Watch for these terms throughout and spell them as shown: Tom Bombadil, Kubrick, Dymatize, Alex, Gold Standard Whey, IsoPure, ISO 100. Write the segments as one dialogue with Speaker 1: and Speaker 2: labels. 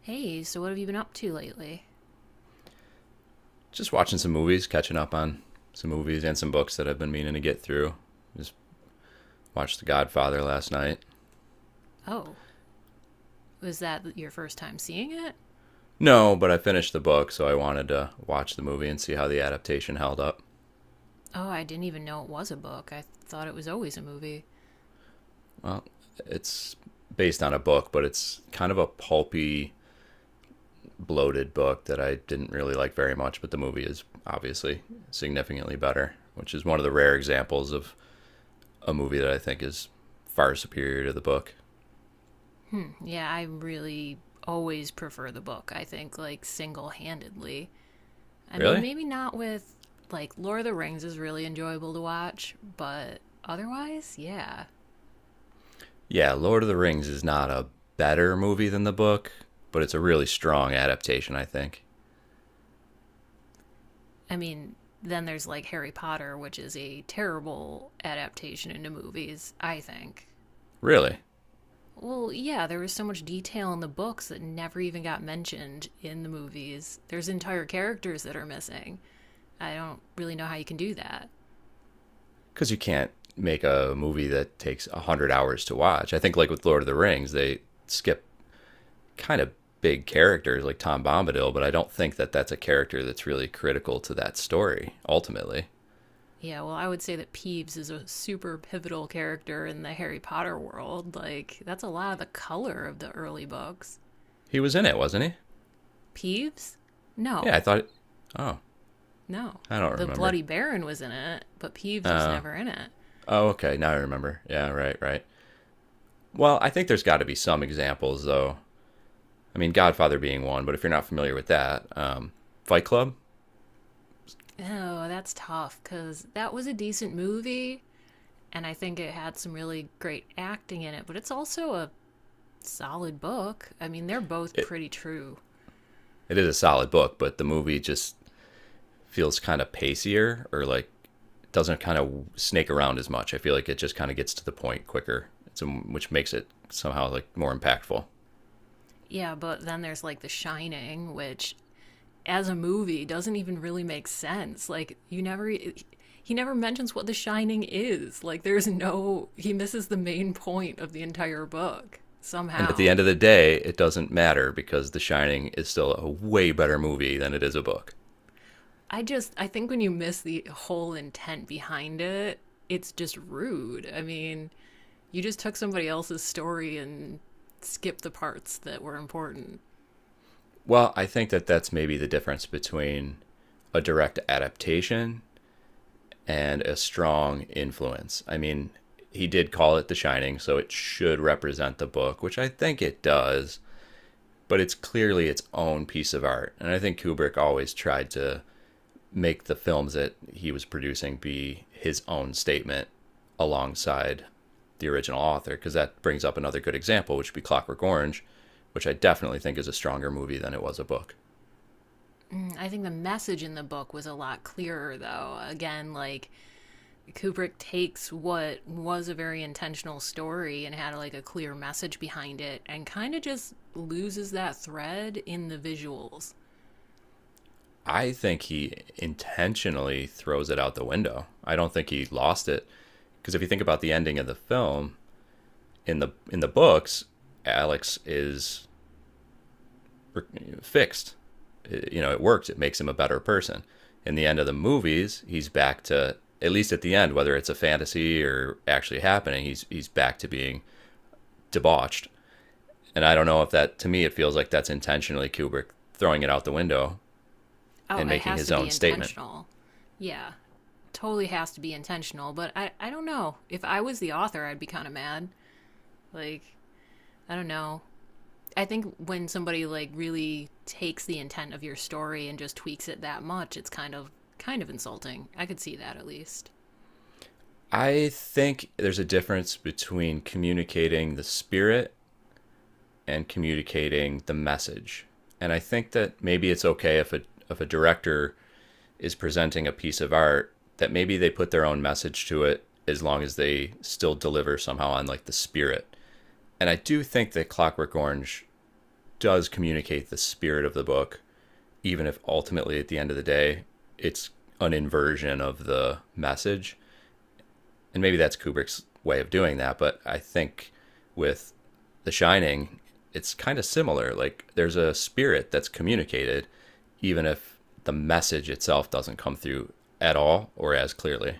Speaker 1: Hey, so what have you been up to lately?
Speaker 2: Just watching some movies, catching up on some movies and some books that I've been meaning to get through. Just watched The Godfather last night.
Speaker 1: Oh, was that your first time seeing it?
Speaker 2: No, but I finished the book, so I wanted to watch the movie and see how the adaptation held up.
Speaker 1: Oh, I didn't even know it was a book. I thought it was always a movie.
Speaker 2: It's based on a book, but it's kind of a pulpy, bloated book that I didn't really like very much, but the movie is obviously significantly better, which is one of the rare examples of a movie that I think is far superior to the book.
Speaker 1: Hmm, yeah, I really always prefer the book, I think, like single handedly. I mean,
Speaker 2: Really?
Speaker 1: maybe not with, like, Lord of the Rings is really enjoyable to watch, but otherwise, yeah.
Speaker 2: Yeah, Lord of the Rings is not a better movie than the book, but it's a really strong adaptation, I think.
Speaker 1: I mean, then there's like Harry Potter, which is a terrible adaptation into movies, I think.
Speaker 2: Really?
Speaker 1: Well, yeah, there was so much detail in the books that never even got mentioned in the movies. There's entire characters that are missing. I don't really know how you can do that.
Speaker 2: Because you can't make a movie that takes 100 hours to watch. I think, like with Lord of the Rings, they skip kind of big characters like Tom Bombadil, but I don't think that that's a character that's really critical to that story, ultimately.
Speaker 1: Yeah, well, I would say that Peeves is a super pivotal character in the Harry Potter world. Like, that's a lot of the color of the early books.
Speaker 2: He was in it, wasn't he?
Speaker 1: Peeves?
Speaker 2: Yeah, I
Speaker 1: No,
Speaker 2: thought. It... Oh,
Speaker 1: no.
Speaker 2: I don't
Speaker 1: The
Speaker 2: remember.
Speaker 1: Bloody Baron was in it, but Peeves was never in it.
Speaker 2: Oh, okay, now I remember. Yeah, right, right. Well, I think there's got to be some examples, though, I mean, Godfather being one, but if you're not familiar with that, Fight Club,
Speaker 1: Oh, that's tough, because that was a decent movie, and I think it had some really great acting in it, but it's also a solid book. I mean, they're both
Speaker 2: it,
Speaker 1: pretty true.
Speaker 2: it is a solid book, but the movie just feels kind of pacier or like doesn't kind of snake around as much. I feel like it just kind of gets to the point quicker, which makes it somehow like more impactful.
Speaker 1: Yeah, but then there's like The Shining, which as a movie doesn't even really make sense. Like you never he never mentions what The Shining is. Like there's no he misses the main point of the entire book
Speaker 2: And at the
Speaker 1: somehow.
Speaker 2: end of the day, it doesn't matter because The Shining is still a way better movie than it is a book.
Speaker 1: I think when you miss the whole intent behind it, it's just rude. I mean, you just took somebody else's story and skipped the parts that were important.
Speaker 2: Well, I think that that's maybe the difference between a direct adaptation and a strong influence. I mean, he did call it The Shining, so it should represent the book, which I think it does, but it's clearly its own piece of art. And I think Kubrick always tried to make the films that he was producing be his own statement alongside the original author, because that brings up another good example, which would be Clockwork Orange, which I definitely think is a stronger movie than it was a book.
Speaker 1: Mm, I think the message in the book was a lot clearer, though. Again, like Kubrick takes what was a very intentional story and had like a clear message behind it and kind of just loses that thread in the visuals.
Speaker 2: I think he intentionally throws it out the window. I don't think he lost it because if you think about the ending of the film in the books, Alex is fixed. It- you know, it works. It makes him a better person. In the end of the movies, he's back to at least at the end, whether it's a fantasy or actually happening, he's back to being debauched. And I don't know if that to me it feels like that's intentionally Kubrick throwing it out the window
Speaker 1: Oh,
Speaker 2: and
Speaker 1: it
Speaker 2: making
Speaker 1: has to
Speaker 2: his
Speaker 1: be
Speaker 2: own statement.
Speaker 1: intentional. Yeah, totally has to be intentional. But I don't know. If I was the author, I'd be kind of mad. Like, I don't know. I think when somebody like really takes the intent of your story and just tweaks it that much, it's kind of insulting. I could see that at least.
Speaker 2: I think there's a difference between communicating the spirit and communicating the message. And I think that maybe it's okay if a director is presenting a piece of art that maybe they put their own message to it as long as they still deliver somehow on like the spirit. And I do think that Clockwork Orange does communicate the spirit of the book, even if ultimately at the end of the day it's an inversion of the message. And maybe that's Kubrick's way of doing that, but I think with The Shining, it's kind of similar. Like there's a spirit that's communicated, even if the message itself doesn't come through at all or as clearly.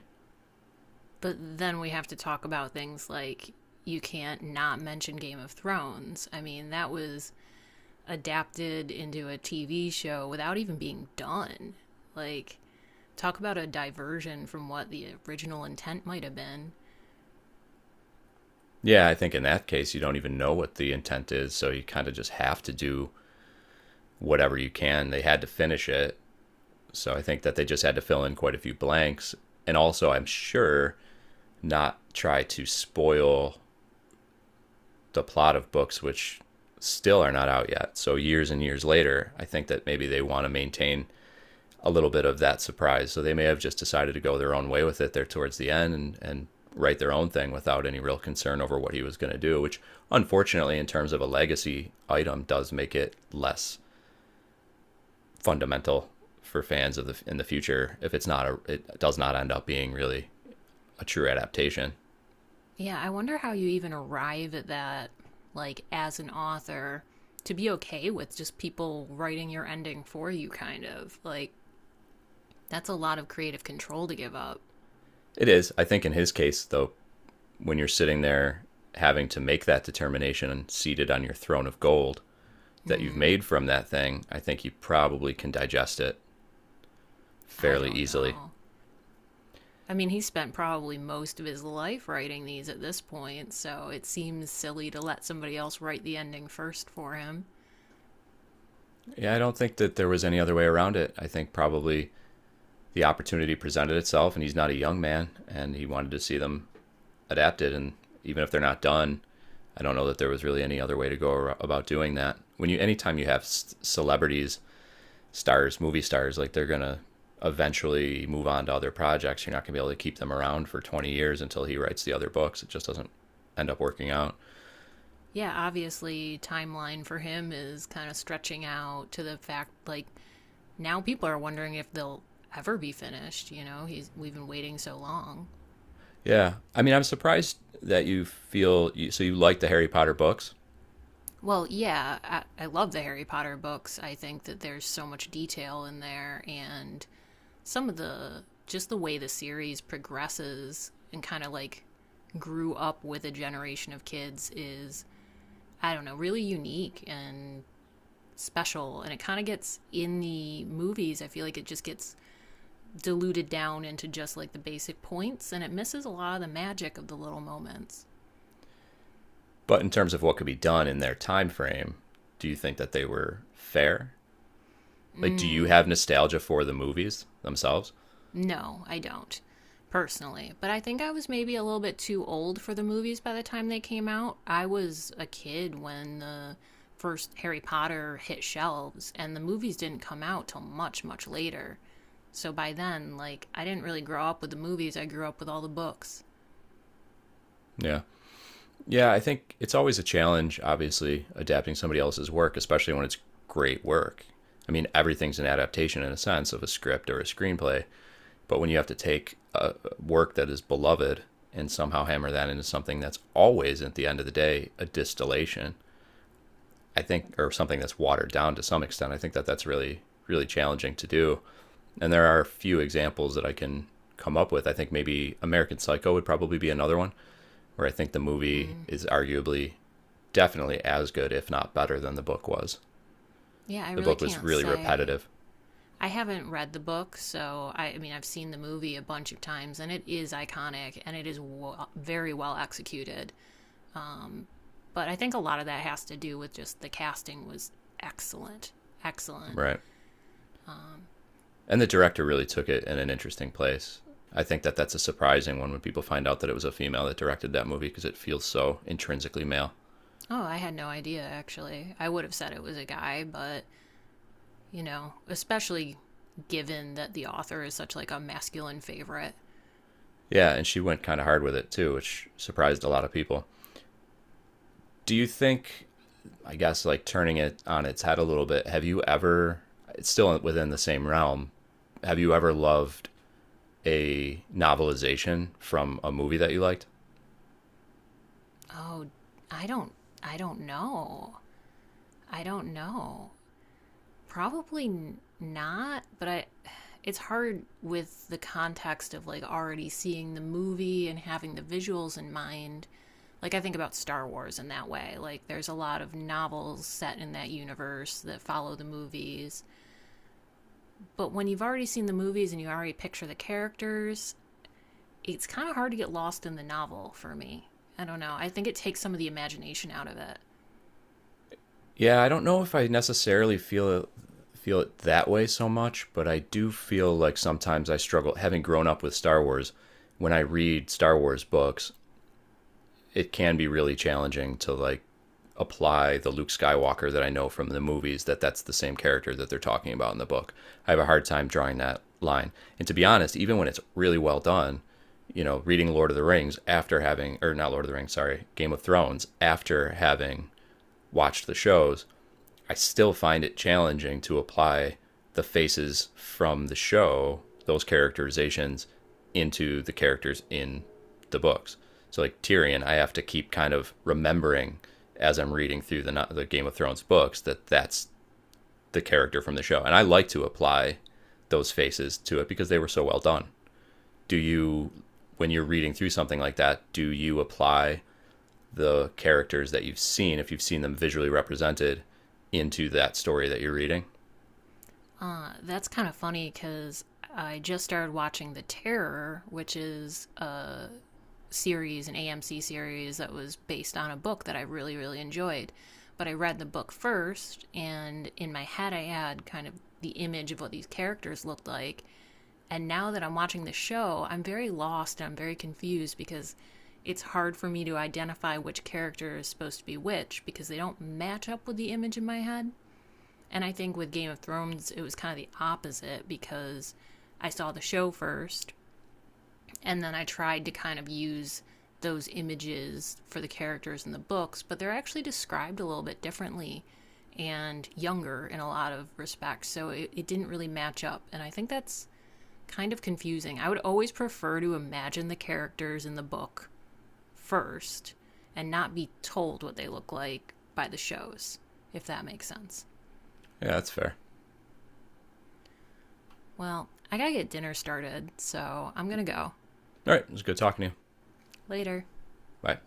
Speaker 1: But then we have to talk about things like you can't not mention Game of Thrones. I mean, that was adapted into a TV show without even being done. Like talk about a diversion from what the original intent might have been.
Speaker 2: Yeah, I think in that case, you don't even know what the intent is, so you kind of just have to do whatever you can. They had to finish it, so I think that they just had to fill in quite a few blanks. And also, I'm sure not try to spoil the plot of books which still are not out yet. So years and years later, I think that maybe they want to maintain a little bit of that surprise. So they may have just decided to go their own way with it there towards the end and write their own thing without any real concern over what he was going to do, which unfortunately in terms of a legacy item does make it less fundamental for fans of the in the future if it's not a it does not end up being really a true adaptation.
Speaker 1: Yeah, I wonder how you even arrive at that, like, as an author, to be okay with just people writing your ending for you, kind of. Like, that's a lot of creative control to give up.
Speaker 2: It is. I think in his case though when you're sitting there having to make that determination and seated on your throne of gold that you've
Speaker 1: Hmm,
Speaker 2: made from that thing, I think you probably can digest it
Speaker 1: I
Speaker 2: fairly
Speaker 1: don't
Speaker 2: easily.
Speaker 1: know. I mean, he spent probably most of his life writing these at this point, so it seems silly to let somebody else write the ending first for him.
Speaker 2: Yeah, I don't think that there was any other way around it. I think probably the opportunity presented itself, and he's not a young man, and he wanted to see them adapted. And even if they're not done, I don't know that there was really any other way to go about doing that. Anytime you have celebrities stars, movie stars, like they're gonna eventually move on to other projects. You're not gonna be able to keep them around for 20 years until he writes the other books. It just doesn't end up working out.
Speaker 1: Yeah, obviously, timeline for him is kind of stretching out to the fact, like, now people are wondering if they'll ever be finished. You know, he's we've been waiting so long.
Speaker 2: Yeah, I mean, I'm surprised that you feel so you like the Harry Potter books,
Speaker 1: Well, yeah, I love the Harry Potter books. I think that there's so much detail in there, and some of the just the way the series progresses and kind of like grew up with a generation of kids is I don't know, really unique and special and it kind of gets in the movies I feel like it just gets diluted down into just like the basic points and it misses a lot of the magic of the little moments.
Speaker 2: but in terms of what could be done in their time frame, do you think that they were fair? Like, do you have nostalgia for the movies themselves?
Speaker 1: No, I don't, personally. But I think I was maybe a little bit too old for the movies by the time they came out. I was a kid when the first Harry Potter hit shelves, and the movies didn't come out till much, much later. So by then, like, I didn't really grow up with the movies, I grew up with all the books.
Speaker 2: Yeah. Yeah, I think it's always a challenge, obviously, adapting somebody else's work, especially when it's great work. I mean, everything's an adaptation in a sense of a script or a screenplay, but when you have to take a work that is beloved and somehow hammer that into something that's always, at the end of the day, a distillation, I think, or something that's watered down to some extent, I think that that's really, really challenging to do. And there are a few examples that I can come up with. I think maybe American Psycho would probably be another one, where I think the movie
Speaker 1: Mm,
Speaker 2: is arguably definitely as good, if not better, than the book was.
Speaker 1: yeah, I
Speaker 2: The
Speaker 1: really
Speaker 2: book was
Speaker 1: can't
Speaker 2: really
Speaker 1: say.
Speaker 2: repetitive,
Speaker 1: I haven't read the book, so I mean, I've seen the movie a bunch of times, and it is iconic and it is very well executed. Um, but I think a lot of that has to do with just the casting was excellent. Excellent.
Speaker 2: right? And the director really took it in an interesting place. I think that that's a surprising one when people find out that it was a female that directed that movie because it feels so intrinsically male.
Speaker 1: Oh, I had no idea actually. I would have said it was a guy, but you know, especially given that the author is such like a masculine favorite.
Speaker 2: Yeah, and she went kind of hard with it too, which surprised a lot of people. Do you think, I guess, like turning it on its head a little bit, have you ever, it's still within the same realm, have you ever loved a novelization from a movie that you liked?
Speaker 1: Oh, I don't I don't know. I don't know. Probably not, but I it's hard with the context of like already seeing the movie and having the visuals in mind. Like I think about Star Wars in that way. Like there's a lot of novels set in that universe that follow the movies. But when you've already seen the movies and you already picture the characters, it's kind of hard to get lost in the novel for me. I don't know. I think it takes some of the imagination out of it.
Speaker 2: Yeah, I don't know if I necessarily feel it that way so much, but I do feel like sometimes I struggle having grown up with Star Wars. When I read Star Wars books, it can be really challenging to like apply the Luke Skywalker that I know from the movies that that's the same character that they're talking about in the book. I have a hard time drawing that line. And to be honest, even when it's really well done, you know, reading Lord of the Rings after having or not Lord of the Rings, sorry, Game of Thrones after having watched the shows, I still find it challenging to apply the faces from the show, those characterizations, into the characters in the books. So like Tyrion, I have to keep kind of remembering as I'm reading through the no-, the Game of Thrones books that that's the character from the show, and I like to apply those faces to it because they were so well done. Do you, when you're reading through something like that, do you apply the characters that you've seen if you've seen them visually represented into that story that you're reading.
Speaker 1: That's kind of funny because I just started watching The Terror, which is a series, an AMC series that was based on a book that I really, really enjoyed. But I read the book first, and in my head, I had kind of the image of what these characters looked like. And now that I'm watching the show, I'm very lost and I'm very confused because it's hard for me to identify which character is supposed to be which because they don't match up with the image in my head. And I think with Game of Thrones, it was kind of the opposite because I saw the show first and then I tried to kind of use those images for the characters in the books, but they're actually described a little bit differently and younger in a lot of respects. So it didn't really match up. And I think that's kind of confusing. I would always prefer to imagine the characters in the book first and not be told what they look like by the shows, if that makes sense.
Speaker 2: Yeah, that's fair.
Speaker 1: Well, I gotta get dinner started, so I'm gonna go.
Speaker 2: All right, it was good talking to you.
Speaker 1: Later.
Speaker 2: Bye.